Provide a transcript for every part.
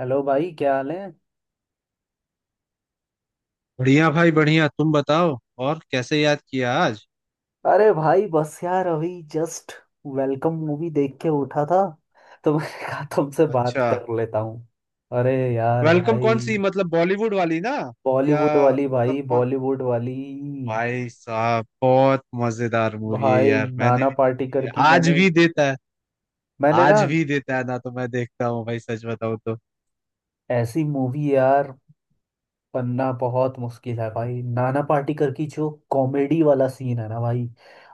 Hello भाई, क्या हाल है। बढ़िया भाई बढ़िया। तुम बताओ। और कैसे याद किया आज? अरे भाई, बस यार अभी जस्ट वेलकम मूवी देख के उठा था तो मैंने कहा तुमसे बात अच्छा। कर लेता हूँ। अरे यार वेलकम कौन भाई, सी, मतलब बॉलीवुड वाली ना? या बॉलीवुड वाली मतलब भाई, कौन? बॉलीवुड वाली। भाई साहब बहुत मजेदार मूवी है भाई यार, मैंने नाना भी देखी पाटेकर है। की, आज मैंने भी देता है। मैंने ना, आज भी देता है ना तो मैं देखता हूँ भाई, सच बताऊँ तो। ऐसी मूवी यार बनना बहुत मुश्किल है। भाई नाना पाटेकर की जो कॉमेडी वाला सीन है ना भाई,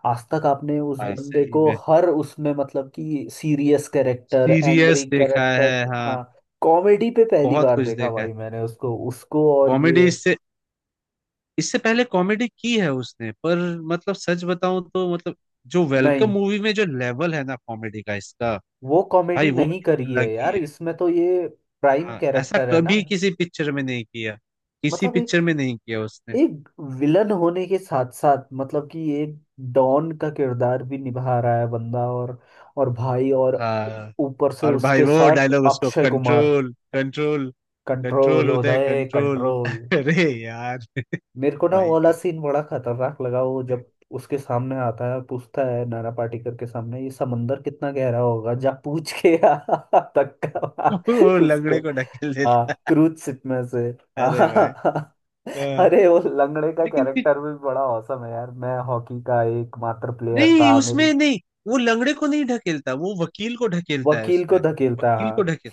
आज तक आपने उस भाई बंदे सही को में हर उसमें मतलब कि सीरियस कैरेक्टर, एंग्री सीरियस देखा कैरेक्टर, है, हाँ। हाँ, कॉमेडी पे पहली बहुत बार कुछ देखा देखा है। भाई। मैंने उसको उसको और कॉमेडी ये, इससे इससे पहले कॉमेडी की है उसने, पर मतलब सच बताऊं तो, मतलब जो वेलकम नहीं मूवी में जो लेवल है ना कॉमेडी का इसका, वो कॉमेडी भाई वो नहीं एक करी है अलग ही यार, है। इसमें तो ये प्राइम हाँ, ऐसा कैरेक्टर है ना। कभी किसी पिक्चर में नहीं किया। किसी मतलब एक पिक्चर में नहीं किया उसने। एक विलन होने के साथ साथ मतलब कि एक डॉन का किरदार भी निभा रहा है बंदा, और भाई और हाँ। ऊपर से और भाई उसके वो साथ डायलॉग उसको, Akshay Kumar. Control control control control Uday Uday control control. अरे यार। मेरे को ना वो भाई वाला साहब सीन बड़ा खतरनाक लगा, वो जब उसके सामने आता है और पूछता है, नाना पाटेकर के सामने, ये समंदर कितना गहरा होगा, जा पूछ के आ, धक्का मार वो उसको। लंगड़े को ढकेल हाँ, देता। क्रूज शिप में से। अरे भाई, हाँ। हाँ। अरे वो लंगड़े का लेकिन फिर- कैरेक्टर भी बड़ा औसम है यार, मैं हॉकी का एकमात्र प्लेयर नहीं था मेरी, उसमें नहीं, वो लंगड़े को नहीं ढकेलता, वो वकील को ढकेलता है वकील को उसमें, धकेलता, वकील को हाँ, ढकेल।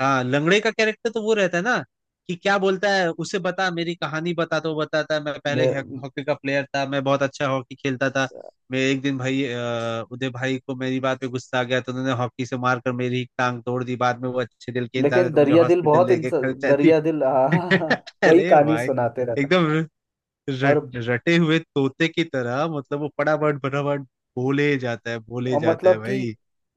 हाँ लंगड़े का कैरेक्टर तो वो रहता है ना कि क्या बोलता है उसे, बता मेरी कहानी बता, तो वो बताता है मैं पहले मे- हॉकी का प्लेयर था, मैं बहुत अच्छा हॉकी खेलता था। मैं एक दिन भाई, उदय भाई को मेरी बात पे गुस्सा आ गया तो उन्होंने हॉकी से मार कर मेरी टांग तोड़ दी, बाद में वो अच्छे दिल के इंसान है लेकिन तो मुझे दरिया दिल, हॉस्पिटल बहुत लेके इंसान खर्चा दी। दरिया दिल, हाँ, वही अरे कहानी भाई। सुनाते रहता। एकदम और रटे हुए तोते की तरह, मतलब वो पड़ाबड़ बड़ाबड़ बोले और जाता है मतलब कि भाई।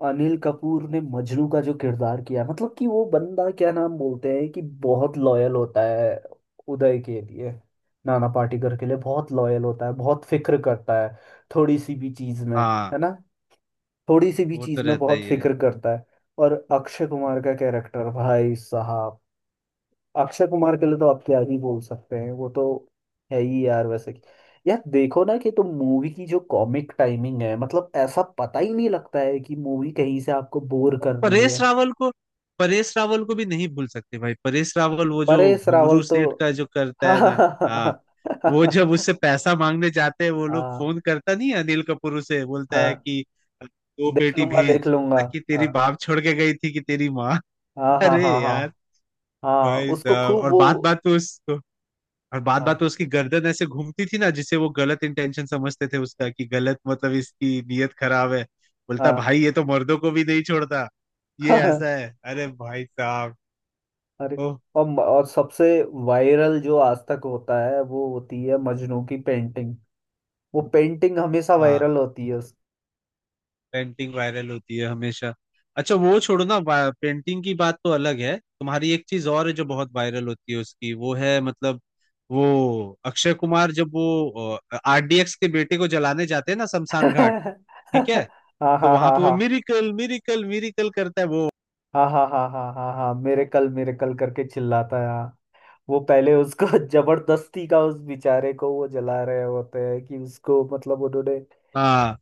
अनिल कपूर ने मजनू का जो किरदार किया, मतलब कि वो बंदा क्या नाम बोलते हैं कि बहुत लॉयल होता है उदय के लिए, नाना पाटेकर के लिए बहुत लॉयल होता है, बहुत फिक्र करता है। थोड़ी सी भी चीज में, हाँ है ना, थोड़ी सी भी वो तो चीज में रहता बहुत ही है। फिक्र करता है। और अक्षय कुमार का कैरेक्टर, भाई साहब, अक्षय कुमार के लिए तो आप क्या ही बोल सकते हैं, वो तो है ही यार वैसे कि, यार देखो ना कि तुम मूवी की जो कॉमिक टाइमिंग है मतलब, ऐसा पता ही नहीं लगता है कि मूवी कहीं से आपको बोर कर रही परेश है। रावल को परेश रावल को भी नहीं भूल सकते भाई, परेश रावल वो जो परेश घुंगरू रावल तो सेठ का जो करता हाँ है ना। हाँ, हाँ, वो जब उससे पैसा मांगने जाते हैं वो लोग, हाँ फोन करता नहीं है अनिल कपूर, उसे बोलता है हाँ, कि दो देख पेटी लूंगा देख भेज, लूंगा, बोला कि तेरी हाँ बाप छोड़ के गई थी कि तेरी माँ। हाँ हाँ अरे हाँ, हाँ यार, हाँ, भाई उसको साहब। खूब वो, और बात बात में हाँ उसकी गर्दन ऐसे घूमती थी ना, जिसे वो गलत इंटेंशन समझते थे उसका, कि गलत मतलब इसकी नीयत खराब है। बोलता हाँ भाई ये तो मर्दों को भी नहीं छोड़ता, ये ऐसा है। अरे भाई साहब। अरे ओह, और सबसे वायरल जो आज तक होता है वो होती है मजनू की पेंटिंग, वो पेंटिंग हमेशा हाँ वायरल होती है उस... पेंटिंग वायरल होती है हमेशा। अच्छा वो छोड़ो ना, पेंटिंग की बात तो अलग है, तुम्हारी एक चीज और है जो बहुत वायरल होती है उसकी, वो है मतलब वो अक्षय कुमार जब वो आरडीएक्स के बेटे को जलाने जाते हैं ना शमशान घाट, ठीक है? हाँ तो हाँ वहां हाँ पे वो हाँ मिरिकल मिरिकल मिरिकल करता है वो। हाँ, हाँ हाँ हाँ हाँ हाँ, मेरे कल करके चिल्लाता है, हाँ। वो पहले उसको जबरदस्ती का, उस बेचारे को वो जला रहे होते हैं कि उसको, मतलब उन्होंने, हाँ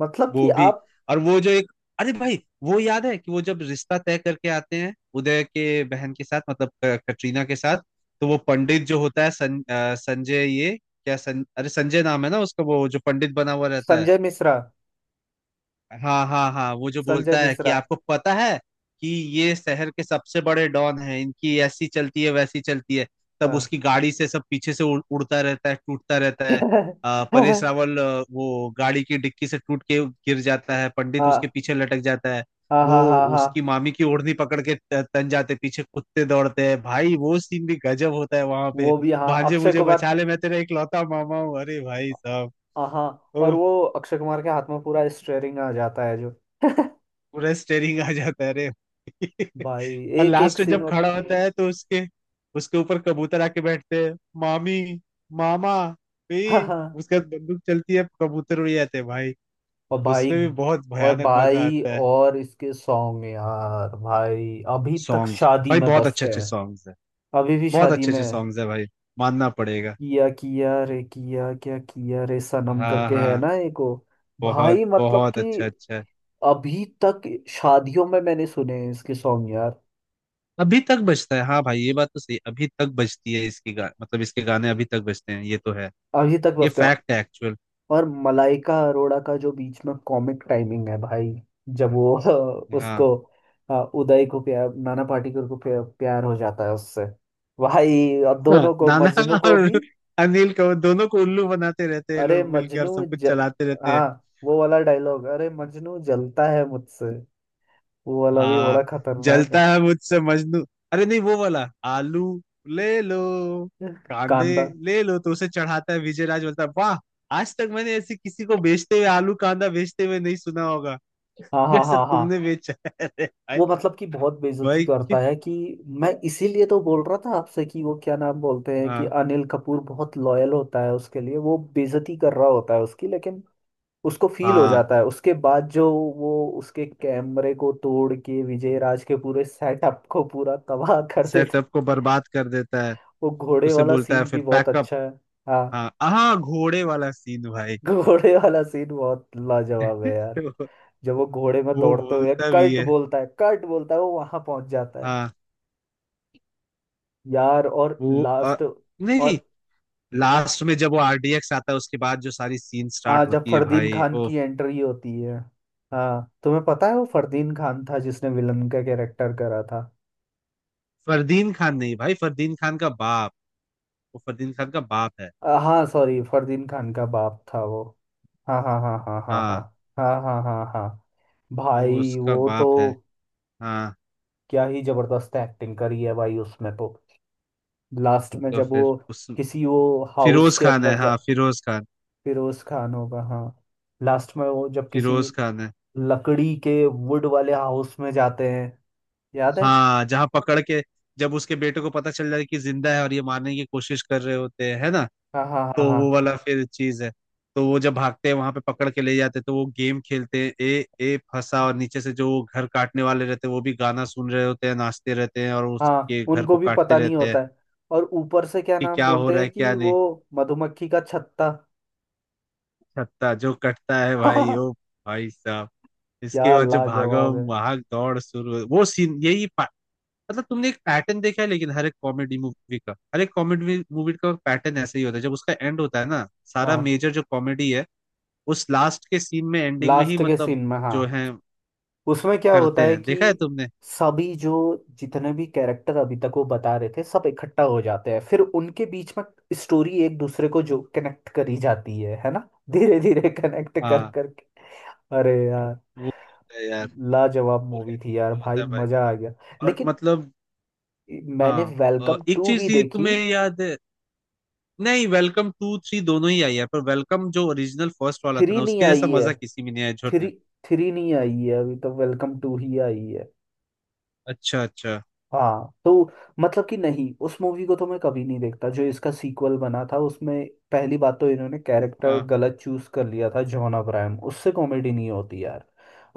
मतलब कि वो भी। आप, और वो जो एक, अरे भाई वो याद है कि वो जब रिश्ता तय करके आते हैं उदय के बहन के साथ, मतलब कटरीना के साथ। तो वो पंडित जो होता है सं, अ, संजय ये क्या सं, अरे संजय नाम है ना उसका, वो जो पंडित बना हुआ रहता है। संजय मिश्रा, हाँ हाँ हाँ। वो जो संजय बोलता है कि मिश्रा। आपको पता है कि ये शहर के सबसे बड़े डॉन हैं, इनकी ऐसी चलती है वैसी चलती है। तब हाँ उसकी गाड़ी से सब पीछे से उड़ता रहता है, टूटता रहता है। परेश रावल, वो गाड़ी की डिक्की से टूट के गिर जाता है, पंडित उसके हाँ पीछे लटक जाता है। हाँ, वो हाँ हाँ हाँ, उसकी मामी की ओढ़नी पकड़ के तन जाते, पीछे कुत्ते दौड़ते हैं भाई, वो सीन भी गजब होता है वहां पे। वो भी हाँ, भांजे अक्षय मुझे कुमार, बचा ले, मैं तेरा इकलौता मामा हूँ। अरे भाई साहब। हाँ हाँ, और वो अक्षय कुमार के हाथ में पूरा स्टेयरिंग आ जाता है जो पूरा स्टेरिंग आ जाता है अरे भाई, और एक एक लास्ट में सीन जब मतलब, खड़ा होता है तो उसके, उसके ऊपर कबूतर आके बैठते हैं। मामी, मामा भी। हाँ हाँ उसके बाद बंदूक चलती है, कबूतर उड़ जाते हैं भाई। और भाई उसमें भी बहुत और भयानक मजा भाई आता है। और इसके सॉन्ग यार भाई अभी तक सॉन्ग्स शादी भाई में बहुत अच्छे बजते अच्छे हैं, सॉन्ग्स है। अभी भी बहुत शादी अच्छे में अच्छे है। सॉन्ग्स है भाई, मानना पड़ेगा। किया किया रे, किया क्या किया रे सनम हाँ करके, है हाँ। ना, एक वो, बहुत भाई मतलब बहुत कि अच्छा अच्छा है। अभी तक शादियों में मैंने सुने हैं इसके सॉन्ग यार, अभी तक बजता है हाँ भाई, ये बात तो सही, अभी तक बजती है इसकी गा मतलब इसके गाने अभी तक बजते हैं, ये तो है। अभी तक ये बजते हैं। फैक्ट है एक्चुअल। और मलाइका अरोड़ा का जो बीच में कॉमिक टाइमिंग है भाई, जब वो हाँ उसको, उदय को प्यार, नाना पाटेकर को प्यार हो जाता है उससे, भाई और हाँ। दोनों को, नाना मजनू को भी। और अनिल को, दोनों को उल्लू बनाते रहते हैं ये अरे लोग मिलके और मजनू सब कुछ चलाते रहते हाँ, हैं। वो वाला डायलॉग अरे मजनू जलता है मुझसे, वो वाला भी बड़ा हाँ। खतरनाक जलता है मुझसे मजनू। अरे नहीं, वो वाला आलू ले लो, है। कांदे कांदा, ले लो, तो उसे चढ़ाता है विजय राज, बोलता है वाह, आज तक मैंने ऐसे किसी को बेचते हुए आलू कांदा बेचते हुए नहीं सुना होगा हाँ हाँ जैसा हाँ हाँ, तुमने बेचा है। अरे भाई। वो मतलब कि बहुत बेइज्जती भाई करता कि- है कि, मैं इसीलिए तो बोल रहा था आपसे कि वो क्या नाम बोलते हैं कि हाँ अनिल कपूर बहुत लॉयल होता है उसके लिए, वो बेइज्जती कर रहा होता है उसकी लेकिन उसको फील हो हाँ। जाता है उसके बाद जो, वो उसके कैमरे को तोड़ के विजय राज के पूरे सेटअप को पूरा तबाह कर देता सेटअप को है। बर्बाद कर देता है, वो घोड़े उसे वाला बोलता है सीन भी फिर बहुत पैकअप। अच्छा है। हाँ, हाँ हाँ घोड़े वाला सीन भाई घोड़े वाला सीन बहुत लाजवाब है यार, जब वो घोड़े में वो दौड़ते हुए बोलता भी कर्ट है, बोलता है, कर्ट बोलता है, वो वहां पहुंच जाता है। हाँ। यार और वो और लास्ट नहीं, और लास्ट में जब वो आरडीएक्स आता है उसके बाद जो सारी सीन आ स्टार्ट जब होती है फरदीन भाई खान ओ। की एंट्री होती है, हाँ, तुम्हें पता है वो फरदीन खान था जिसने विलन का कैरेक्टर करा था। फरदीन खान नहीं भाई, फरदीन खान का बाप, वो फरदीन खान का बाप है। हाँ सॉरी, फरदीन खान का बाप था वो, हाँ हाँ हाँ हाँ हाँ, हाँ हाँ। हाँ हाँ हाँ हाँ। वो भाई उसका वो बाप तो है। हाँ। क्या ही जबरदस्त एक्टिंग करी है भाई उसमें तो। लास्ट में तो जब वो फिर उस किसी, वो हाउस फिरोज के खान है, अंदर हाँ जा, फिरोज खान, फिरोज खान होगा, हाँ। लास्ट में वो जब किसी फिरोज खान है। लकड़ी के वुड वाले हाउस में जाते हैं, याद है। हाँ जहाँ पकड़ के, जब उसके बेटे को पता चल जाए कि जिंदा है और ये मारने की कोशिश कर रहे होते हैं है ना, हाँ हाँ तो हाँ वो हाँ वाला फिर चीज है। तो वो जब भागते हैं वहां पे पकड़ के ले जाते हैं, तो वो गेम खेलते हैं ए ए फंसा, और नीचे से जो वो घर काटने वाले रहते हैं वो भी गाना सुन रहे होते हैं, नाचते रहते हैं और हाँ, उसके घर उनको को भी काटते पता नहीं रहते हैं, होता है, और ऊपर से क्या कि नाम क्या हो बोलते रहा हैं है कि क्या वो नहीं। मधुमक्खी का छत्ता। छत्ता जो कटता है भाई ओ, भाई साहब। क्या इसके बाद जो लाजवाब भागम है। भाग दौड़ शुरू हुई, वो सीन यही पा- मतलब तुमने एक पैटर्न देखा है, लेकिन हर एक कॉमेडी मूवी का हर एक कॉमेडी मूवी का पैटर्न ऐसे ही होता है, जब उसका एंड होता है ना, सारा हाँ, मेजर जो कॉमेडी है उस लास्ट के सीन में एंडिंग में ही, लास्ट के मतलब सीन में, हाँ, जो है उसमें क्या होता करते है हैं, कि देखा है तुमने? सभी जो, जितने भी कैरेक्टर अभी तक वो बता रहे थे सब इकट्ठा हो जाते हैं फिर उनके बीच में स्टोरी एक दूसरे को जो कनेक्ट करी जाती है ना, धीरे धीरे कनेक्ट कर हाँ करके। अरे यार, वो होता है यार, लाजवाब पूरे मूवी थी यार होता भाई, है भाई। मजा आ गया। और लेकिन मतलब, मैंने हाँ वेलकम एक टू भी चीज ही देखी। तुम्हें याद है। नहीं वेलकम टू थ्री दोनों ही आई है, पर वेलकम जो ओरिजिनल फर्स्ट वाला था थ्री ना नहीं उसके जैसा आई है। मजा किसी में नहीं आया झुर में। थ्री थ्री नहीं आई है अभी तो, वेलकम टू ही आई है। अच्छा अच्छा। हाँ तो मतलब कि नहीं, उस मूवी को तो मैं कभी नहीं देखता जो इसका सीक्वल बना था। उसमें पहली बात तो इन्होंने कैरेक्टर हाँ गलत चूज कर लिया था, जॉन अब्राहम, उससे कॉमेडी नहीं होती यार।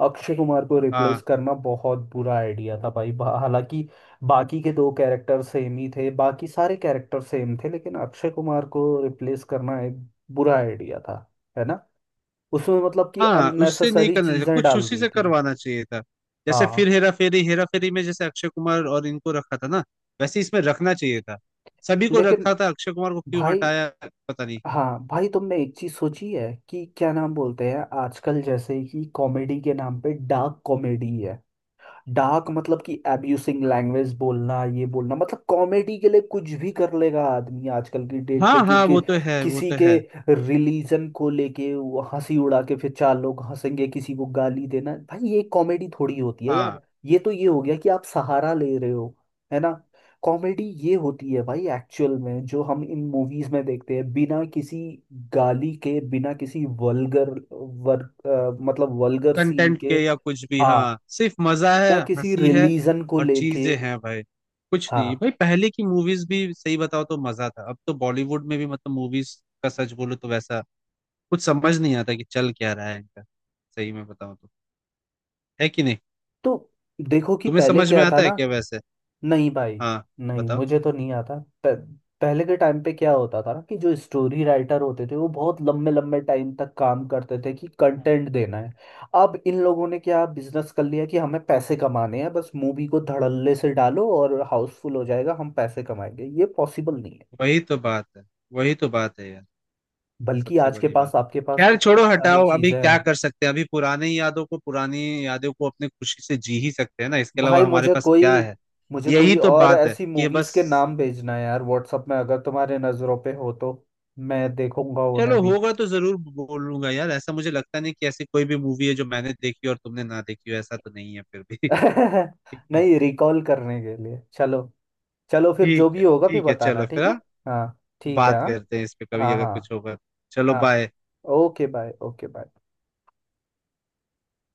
अक्षय कुमार को रिप्लेस हाँ करना बहुत बुरा आइडिया था भाई, हालांकि बाकी के दो कैरेक्टर सेम ही थे, बाकी सारे कैरेक्टर सेम थे लेकिन अक्षय कुमार को रिप्लेस करना एक बुरा आइडिया था, है ना, उसमें मतलब कि हाँ। उससे नहीं अननेसेसरी करना चाहिए चीजें कुछ, डाल उसी दी से थी। करवाना चाहिए था, जैसे हाँ फिर हेरा फेरी, हेरा फेरी में जैसे अक्षय कुमार और इनको रखा था ना, वैसे इसमें रखना चाहिए था। सभी को लेकिन रखा था, अक्षय कुमार को क्यों भाई, हटाया? पता नहीं। हाँ भाई, तुमने एक चीज सोची है कि क्या नाम बोलते हैं आजकल जैसे कि कॉमेडी के नाम पे डार्क कॉमेडी है। डार्क मतलब कि एब्यूसिंग लैंग्वेज बोलना, ये बोलना, मतलब कॉमेडी के लिए कुछ भी कर लेगा आदमी आजकल की डेट पे हाँ कि, हाँ कि वो तो है, वो किसी तो के है। रिलीजन को लेके वो हंसी उड़ा के फिर चार लोग हंसेंगे, किसी को गाली देना, भाई ये कॉमेडी थोड़ी होती है हाँ यार, ये तो ये हो गया कि आप सहारा ले रहे हो, है ना। कॉमेडी ये होती है भाई एक्चुअल में, जो हम इन मूवीज में देखते हैं, बिना किसी गाली के, बिना किसी वल्गर मतलब वल्गर सीन कंटेंट के, के या कुछ भी, हाँ, हाँ सिर्फ मजा है, या किसी हंसी है रिलीजन को और लेके, चीजें हैं भाई। कुछ नहीं हाँ। भाई, पहले की मूवीज भी सही बताओ तो मजा था, अब तो बॉलीवुड में भी मतलब मूवीज का सच बोलो तो वैसा कुछ समझ नहीं आता कि चल क्या रहा है इनका, सही में बताओ तो, है कि नहीं? तो देखो कि तुम्हें पहले समझ में क्या था आता है ना, क्या वैसे? नहीं भाई, हाँ नहीं बताओ। मुझे तो नहीं आता। प- पहले के टाइम पे क्या होता था ना कि जो स्टोरी राइटर होते थे वो बहुत लंबे लंबे टाइम तक काम करते थे कि कंटेंट देना है। अब इन लोगों ने क्या बिजनेस कर लिया कि हमें पैसे कमाने हैं, बस मूवी को धड़ल्ले से डालो और हाउसफुल हो जाएगा, हम पैसे कमाएंगे, ये पॉसिबल नहीं है। वही तो बात है, वही तो बात है यार, बल्कि सबसे आज के बड़ी पास, बात, आपके पास खैर इतनी छोड़ो सारे हटाओ, अभी चीजें क्या हैं। कर सकते हैं, अभी पुराने यादों को पुरानी यादों को अपने खुशी से जी ही सकते हैं ना, इसके अलावा भाई हमारे मुझे पास कोई क्या है। मुझे यही कोई तो और बात है ऐसी कि मूवीज बस, के नाम भेजना है यार व्हाट्सअप में, अगर तुम्हारे नजरों पे हो तो मैं देखूंगा उन्हें चलो भी। होगा तो जरूर बोलूंगा यार, ऐसा मुझे लगता नहीं कि ऐसी कोई भी मूवी है जो मैंने देखी हो और तुमने ना देखी हो, ऐसा तो नहीं है फिर भी ठीक है, नहीं, रिकॉल करने के लिए, चलो, चलो फिर ठीक जो है, भी होगा फिर ठीक है। बताना, चलो फिर, ठीक है। हाँ? हाँ ठीक है, बात हाँ करते हैं इस पे कभी हाँ अगर हाँ कुछ होगा तो। चलो हाँ, bye. Okay bye, okay bye.